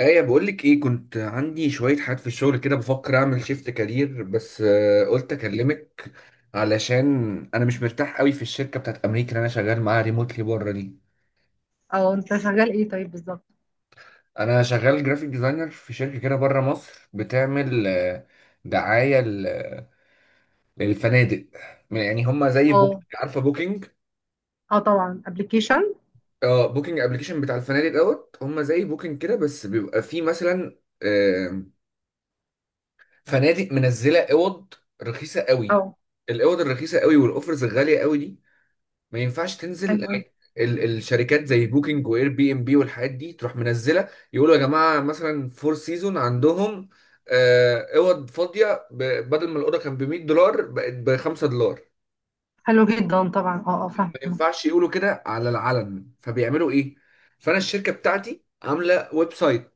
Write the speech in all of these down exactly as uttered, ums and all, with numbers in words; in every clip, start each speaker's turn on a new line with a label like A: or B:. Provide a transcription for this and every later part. A: ايه بقول لك ايه، كنت عندي شويه حاجات في الشغل كده، بفكر اعمل شيفت كارير بس. آه، قلت اكلمك علشان انا مش مرتاح قوي في الشركه بتاعت امريكا اللي انا شغال معاها ريموتلي بره دي.
B: او انت شغال ايه طيب بالظبط.
A: انا شغال جرافيك ديزاينر في شركه كده بره مصر، بتعمل آه، دعايه ل- للفنادق. يعني هم زي
B: اه،
A: بوكينج، عارفه بوكينج.
B: اه، طبعا ابلكيشن.
A: اه، بوكينج ابلكيشن بتاع الفنادق. دوت هم زي بوكينج كده، بس بيبقى فيه مثلا فنادق منزله اوض رخيصه قوي.
B: اه.
A: الاوض الرخيصه قوي والاوفرز الغاليه قوي دي ما ينفعش تنزل.
B: حلو أوي.
A: ال- الشركات زي بوكينج واير بي ام بي والحاجات دي تروح منزله، يقولوا يا جماعه مثلا فور سيزون عندهم آه، اوض فاضيه، ب- بدل ما الاوضه كان ب ميه دولار بقت ب خمسة دولار.
B: حلو جدا طبعا، اه، اه،
A: ما
B: فاهمه.
A: ينفعش يقولوا كده على العلن، فبيعملوا ايه؟ فانا الشركه بتاعتي عامله ويب سايت.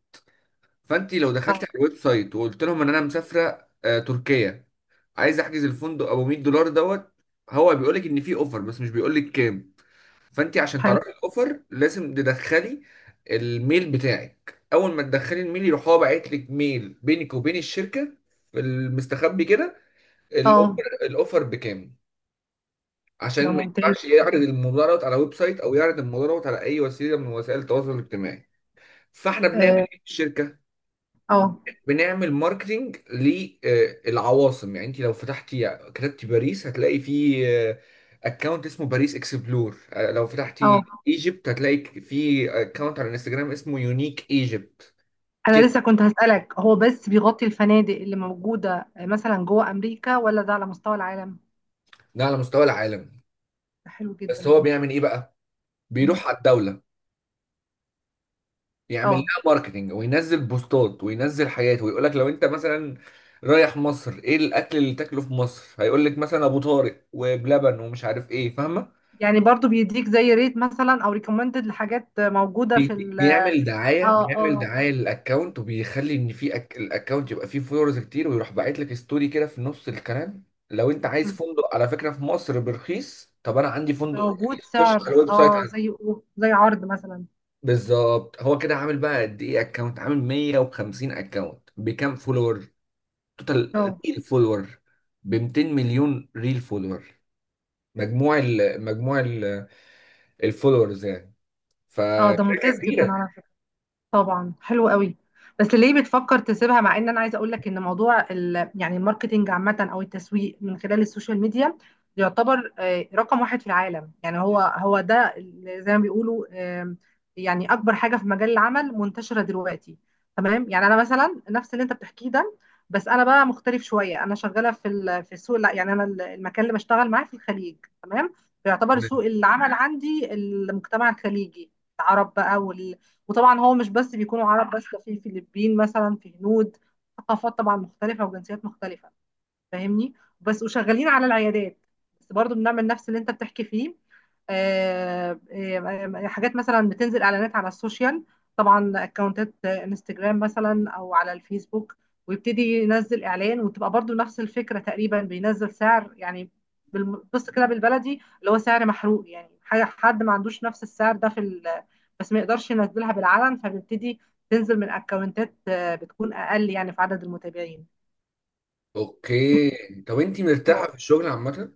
A: فانت لو دخلتي
B: اه.
A: على الويب سايت وقلت لهم ان انا مسافره آه، تركيا، عايز احجز الفندق ابو ميه دولار. دوت هو بيقول لك ان في اوفر بس مش بيقول لك كام. فانت عشان
B: حلو.
A: تعرفي الاوفر لازم تدخلي الميل بتاعك. اول ما تدخلي الميل يروح هو باعت لك ميل بينك وبين الشركه في المستخبي كده،
B: اه.
A: الاوفر، الاوفر بكام.
B: ده
A: عشان ما
B: ممتاز.
A: ينفعش يعرض الموضوع دوت على ويب سايت او يعرض الموضوع دوت على اي وسيله من وسائل التواصل الاجتماعي. فاحنا بنعمل
B: اه،
A: ايه في الشركه؟
B: اه،
A: بنعمل ماركتينج للعواصم. يعني انت لو فتحتي كتبتي باريس هتلاقي في اكونت اسمه باريس اكسبلور، آه، لو
B: آه.
A: فتحتي ايجيبت هتلاقي في اكونت على الانستجرام اسمه يونيك ايجيبت
B: انا
A: كده.
B: لسه كنت هسألك، هو بس بيغطي الفنادق اللي موجودة آه، مثلا جوه امريكا ولا ده على مستوى العالم؟
A: ده على مستوى العالم.
B: ده حلو جدا
A: بس
B: ده.
A: هو بيعمل ايه بقى؟
B: مم.
A: بيروح على الدولة، يعمل
B: اه،
A: لها ماركتينج وينزل بوستات وينزل حياته، ويقول لك لو انت مثلا رايح مصر ايه الاكل اللي تاكله في مصر، هيقول لك مثلا ابو طارق وبلبن ومش عارف ايه، فاهمه؟
B: يعني برضو بيديك زي ريت مثلا او ريكومندد لحاجات موجودة في
A: بيديك،
B: ال... اه،
A: بيعمل دعايه، بيعمل
B: اه،
A: دعايه للاكونت، وبيخلي ان في أك... الاكونت يبقى فيه فولورز كتير، ويروح باعت لك ستوري كده في نص الكلام: لو انت عايز
B: مم.
A: فندق، على فكره، في مصر برخيص، طب انا عندي فندق
B: موجود
A: رخيص، خش
B: سعر،
A: على الويب سايت
B: اه
A: عندي.
B: زي زي عرض مثلا.
A: بالظبط. هو كده عامل بقى قد ايه اكونت؟ عامل ميه وخمسين اكونت بكام فولور، توتال
B: اه.
A: ريل فولور؟ ب ميتين مليون ريل فولور، مجموع ال... مجموع ال... الفولورز يعني.
B: آه، ده
A: فشركه
B: ممتاز جدًا
A: كبيره.
B: على. طبعا حلو قوي. بس ليه بتفكر تسيبها، مع ان انا عايزه اقول لك ان موضوع ال... يعني الماركتينج عامه او التسويق من خلال السوشيال ميديا، يعتبر آه، رقم واحد في العالم، يعني هو هو ده اللي زي ما بيقولوا. آم، يعني اكبر حاجه في مجال العمل منتشره دلوقتي. تمام، يعني انا مثلا نفس اللي انت بتحكيه ده. بس انا بقى مختلف شويه، انا شغاله في ال... في السوق، لا يعني انا ال- المكان اللي بشتغل معاه في الخليج. تمام. فيعتبر سوق العمل عندي المجتمع الخليجي، العرب بقى. وطبعا هو مش بس بيكونوا عرب، بس ده في فلبين مثلا، في هنود. ثقافات طبعا مختلفة وجنسيات مختلفة. فاهمني؟ بس وشغالين على العيادات. بس برضو بنعمل نفس اللي انت بتحكي فيه. آه، آه، آه، حاجات مثلا بتنزل اعلانات على السوشيال. طبعا اكونتات انستجرام، مثلا، او على الفيسبوك. ويبتدي ينزل اعلان، وتبقى برضو نفس الفكره تقريبا، بينزل سعر يعني. بالم- بص كده بالبلدي اللي هو سعر محروق، يعني حاجه حد ما عندوش نفس السعر ده في ال... بس ما يقدرش ينزلها بالعلن فبيبتدي. تنزل من اكونتات آه، بتكون اقل يعني في عدد المتابعين.
A: اوكي، طب انت مرتاحه في الشغل عامه؟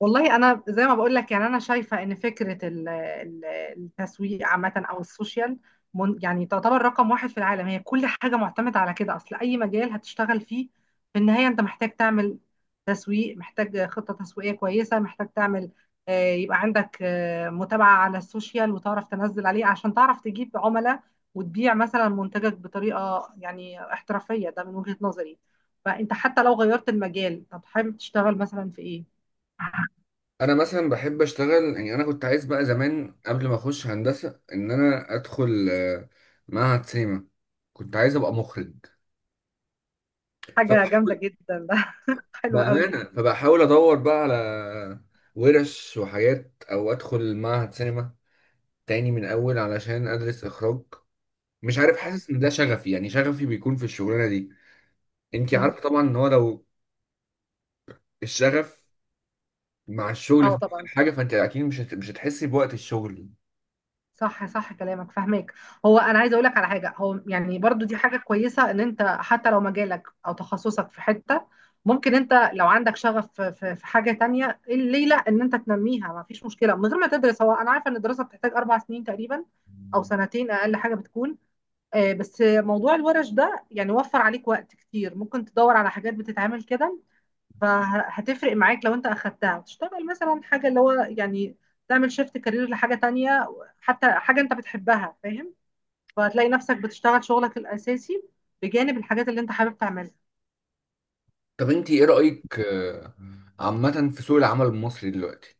B: والله انا زي ما بقول لك، يعني انا شايفه ان فكره ال- ال- التسويق عامه او السوشيال، من- يعني تعتبر رقم واحد في العالم، هي كل حاجه معتمده على كده، اصل اي مجال هتشتغل فيه. في النهايه انت محتاج تعمل تسويق، محتاج خطه تسويقيه كويسه، محتاج تعمل. آه، يبقى عندك آه، متابعه على السوشيال، وتعرف تنزل عليه عشان تعرف تجيب عملاء، وتبيع مثلا منتجك بطريقه يعني احترافيه، ده من وجهه نظري. فانت حتى لو غيرت المجال، طب حابب تشتغل مثلا في ايه؟
A: انا مثلا بحب اشتغل. يعني انا كنت عايز بقى زمان قبل ما اخش هندسه ان انا ادخل آه، معهد سينما، كنت عايز ابقى مخرج،
B: حاجة جامدة
A: فبحاول
B: جدا ده. حلو قوي.
A: بامانه، فبحاول ادور بقى على ورش وحاجات، او ادخل معهد سينما تاني من اول علشان ادرس اخراج. مش عارف،
B: اه.
A: حاسس ان ده شغفي، يعني شغفي بيكون في الشغلانه دي. انت
B: مم.
A: عارفه طبعا ان هو لو الشغف مع الشغل
B: اه،
A: في
B: طبعا.
A: حاجه، فانت اكيد مش هت- مش هتحسي بوقت الشغل.
B: صح، صح، كلامك فاهمك. هو انا عايزه اقول لك على حاجه، هو يعني برضو دي حاجه كويسه ان انت حتى لو مجالك او تخصصك في حته، ممكن انت لو عندك شغف في في- في حاجه تانية، إيه ليه لا ان انت تنميها، ما فيش مشكله من غير ما تدرس. هو انا عارفه ان الدراسه بتحتاج اربع سنين تقريبا، او سنتين اقل حاجه بتكون. آه، بس موضوع الورش ده يعني وفر عليك وقت كتير، ممكن تدور على حاجات بتتعمل كده. فهتفرق معاك لو انت اخدتها، تشتغل مثلا حاجه، اللي هو يعني تعمل شيفت كارير لحاجه تانية، حتى حاجه انت بتحبها، فاهم؟ فهتلاقي نفسك بتشتغل شغلك الاساسي بجانب الحاجات اللي انت حابب تعملها.
A: طب انت ايه رأيك آه، عامة في سوق العمل المصري دلوقتي؟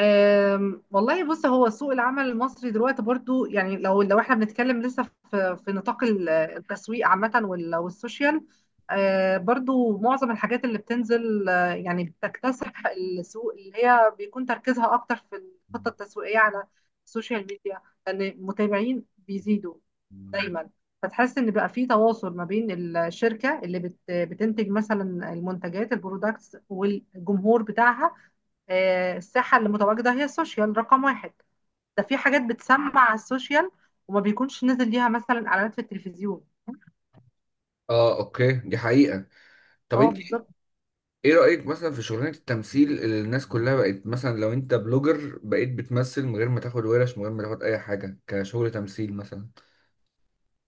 B: أم، والله بص، هو سوق العمل المصري دلوقتي برضو، يعني لو لو احنا بنتكلم لسه في في نطاق ال- التسويق عامة وال- والسوشيال. أه، برضو معظم الحاجات اللي بتنزل أه، يعني بتكتسح السوق، اللي هي بيكون تركيزها اكتر في الخطة التسويقية على السوشيال ميديا، لان المتابعين بيزيدوا دايما. فتحس ان بقى في تواصل ما بين الشركة اللي بت- بتنتج مثلا المنتجات، البرودكتس، والجمهور بتاعها. آه، الساحة اللي متواجدة هي السوشيال رقم واحد. ده في حاجات بتسمع على السوشيال، وما بيكونش نزل ليها مثلا اعلانات في التلفزيون.
A: اه اوكي، دي حقيقة. طب
B: اه،
A: انت
B: بالظبط.
A: ايه رأيك مثلا في شغلانة التمثيل، اللي الناس كلها بقت مثلا لو انت بلوجر بقيت بتمثل من غير ما تاخد ورش، من غير ما تاخد اي حاجة، كشغل تمثيل مثلا؟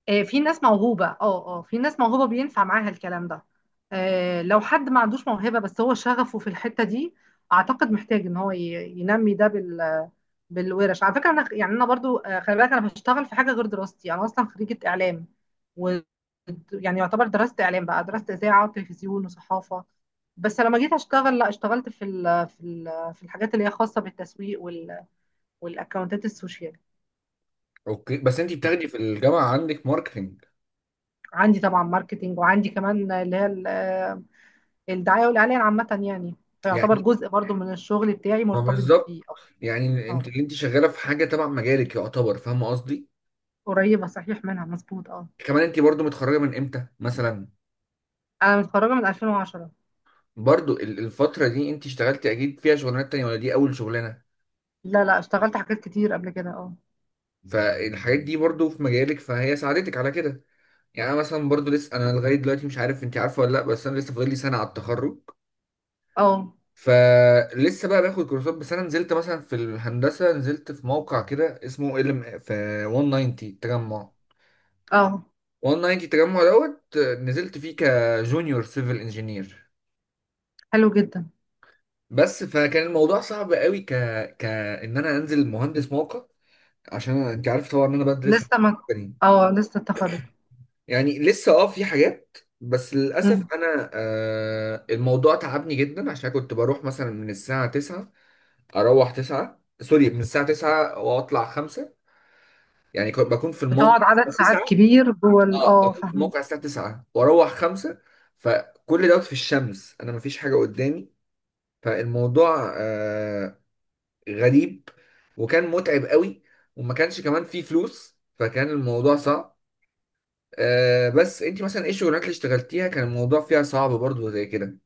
B: آه، في ناس موهوبة، اه. اه، في ناس موهوبة بينفع معاها الكلام ده. آه، لو حد ما عندوش موهبة، بس هو شغفه في الحتة دي، اعتقد محتاج ان هو ي- ينمي ده بال بالورش. على فكره، انا يعني انا برضو آه، خلي بالك انا بشتغل في حاجه غير دراستي، انا اصلا خريجه اعلام. و يعني يعتبر درست اعلام بقى، درست اذاعه وتلفزيون وصحافه. بس لما جيت اشتغل، لا اشتغلت في ال في ال في الحاجات اللي هي خاصه بالتسويق وال والاكونتات السوشيال.
A: اوكي، بس انت بتاخدي في الجامعة عندك ماركتنج.
B: عندي طبعا ماركتينج، وعندي كمان اللي هي ال- آه، الدعايه والاعلان عامه يعني. فيعتبر
A: يعني
B: جزء برضو من الشغل بتاعي
A: ما
B: مرتبط
A: بالظبط،
B: بيه، اه.
A: يعني
B: آه،
A: انت اللي انت شغالة في حاجة تبع مجالك يعتبر، فاهمة قصدي؟
B: قريبه صحيح منها، مظبوط، اه.
A: كمان انت برضو متخرجة من امتى مثلا؟
B: انا متخرجه من ألفين وعشرة.
A: برضو ال- الفترة دي انت اشتغلتي اكيد فيها شغلانات تانية ولا دي اول شغلانة؟
B: لا، لا، اشتغلت حاجات كتير قبل كده، اه.
A: فالحاجات دي برضو في مجالك، فهي ساعدتك على كده. يعني انا مثلا برضو لسه، انا لغاية دلوقتي مش عارف انت عارفة ولا لا، بس انا لسه فاضل لي سنة على التخرج.
B: اه،
A: فلسه بقى باخد كورسات. بس انا نزلت مثلا في الهندسة، نزلت في موقع كده اسمه ال في ميه وتسعين تجمع،
B: اه،
A: ميه وتسعين تجمع. دوت نزلت فيه كجونيور سيفل انجينير.
B: حلو جدا.
A: بس فكان الموضوع صعب قوي، ك ك ان انا انزل مهندس موقع، عشان أنا- انت عارف طبعا ان انا بدرس هندسة
B: لسه ما.
A: بنين.
B: اه، لسه التخرج.
A: يعني لسه، اه، في حاجات. بس للاسف
B: مم.
A: انا آه الموضوع تعبني جدا، عشان كنت بروح مثلا من الساعه تسعة، اروح 9 سوري من الساعه تسعة واطلع خمسة. يعني كنت بكون في
B: بتقعد
A: الموقع
B: عدد
A: الساعه
B: ساعات
A: تسعة.
B: كبير جوه ال-
A: اه،
B: اه،
A: بكون في
B: فاهمه.
A: الموقع الساعه تسعة واروح خمسة. فكل دوت في الشمس انا مفيش حاجه قدامي، فالموضوع آه غريب، وكان متعب قوي، وما كانش كمان فيه فلوس، فكان الموضوع صعب. آه، بس انت مثلا ايه الشغلانات اللي اشتغلتيها كان الموضوع فيها صعب برضو زي كده؟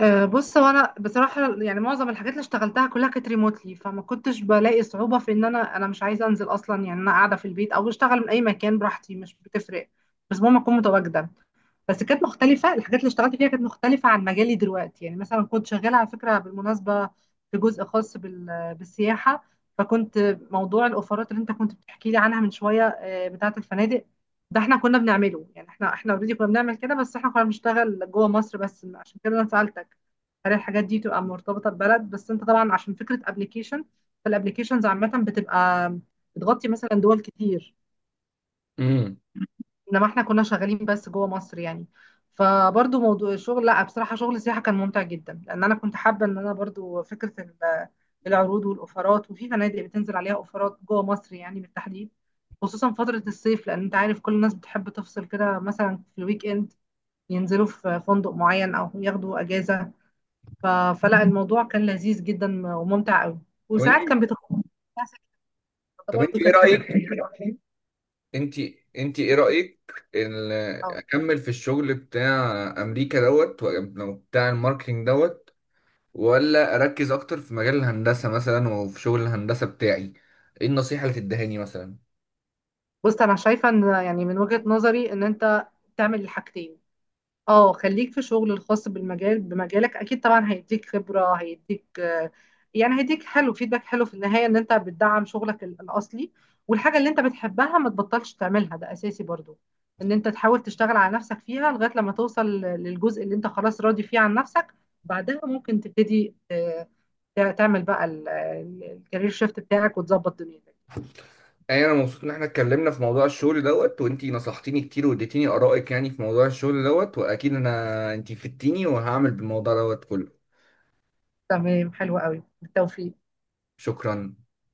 B: آه، بص، هو انا بصراحه يعني معظم الحاجات اللي اشتغلتها كلها كانت ريموتلي، فما كنتش بلاقي صعوبه في ان انا انا مش عايزه انزل اصلا، يعني انا قاعده في البيت او اشتغل من اي مكان براحتي، مش بتفرق. بس المهم اكون متواجده. بس كانت مختلفة، الحاجات اللي اشتغلت فيها كانت مختلفة عن مجالي دلوقتي، يعني مثلا كنت شغالة على فكرة، بالمناسبة، في جزء خاص بال- بالسياحة. فكنت موضوع الأوفرات اللي أنت كنت بتحكي لي عنها من شوية، آه، بتاعة الفنادق، ده احنا كنا بنعمله، يعني احنا احنا اوريدي كنا بنعمل كده، بس احنا كنا بنشتغل جوه مصر بس، عشان كده انا سألتك، هل الحاجات دي تبقى مرتبطة ببلد بس، انت طبعا عشان فكرة ابلكيشن، فالابلكيشنز عامة بتبقى بتغطي مثلا دول كتير.
A: امم،
B: انما احنا كنا شغالين بس جوه مصر، يعني. فبرضو موضوع الشغل، لا بصراحة شغل السياحة كان ممتع جدا، لان انا كنت حابة ان انا برضو فكرة ال- العروض والاوفرات، وفي فنادق بتنزل عليها اوفرات جوه مصر يعني، بالتحديد، خصوصا فترة الصيف، لان انت عارف كل الناس بتحب تفصل كده مثلا في الويك اند، ينزلوا في فندق معين او ياخدوا اجازة. ف... فلا، الموضوع كان لذيذ جدا وممتع قوي،
A: طب انت
B: وساعات كان بيتخصص
A: طب انت
B: برضو،
A: ايه
B: كانت حاجة
A: رأيك
B: كويسة.
A: انت انت ايه رأيك، ال- اكمل في الشغل بتاع امريكا، دوت ولا بتاع الماركتينج، دوت ولا اركز اكتر في مجال الهندسة مثلا وفي شغل الهندسة بتاعي؟ ايه النصيحة اللي تدهاني مثلا؟
B: بص، انا شايفه ان يعني من وجهه نظري، ان انت تعمل الحاجتين. اه، خليك في شغل الخاص بالمجال، بمجالك اكيد طبعا هيديك خبره، هيديك آه، يعني هيديك حلو، فيدباك حلو في النهايه، ان انت بتدعم شغلك ال- الاصلي، والحاجه اللي انت بتحبها ما تبطلش تعملها، ده اساسي برضو، ان انت تحاول تشتغل على نفسك فيها لغايه لما توصل للجزء اللي انت خلاص راضي فيه عن نفسك. بعدها ممكن تبتدي آه، تعمل بقى الكارير شيفت بتاعك وتظبط دنيتك.
A: اي، انا مبسوط ان احنا اتكلمنا في موضوع الشغل، دوت وانت نصحتيني كتير واديتيني ارائك يعني في موضوع الشغل، دوت واكيد انا انت فدتيني، وهعمل بالموضوع دوت كله.
B: تمام، حلو قوي، بالتوفيق.
A: شكرا.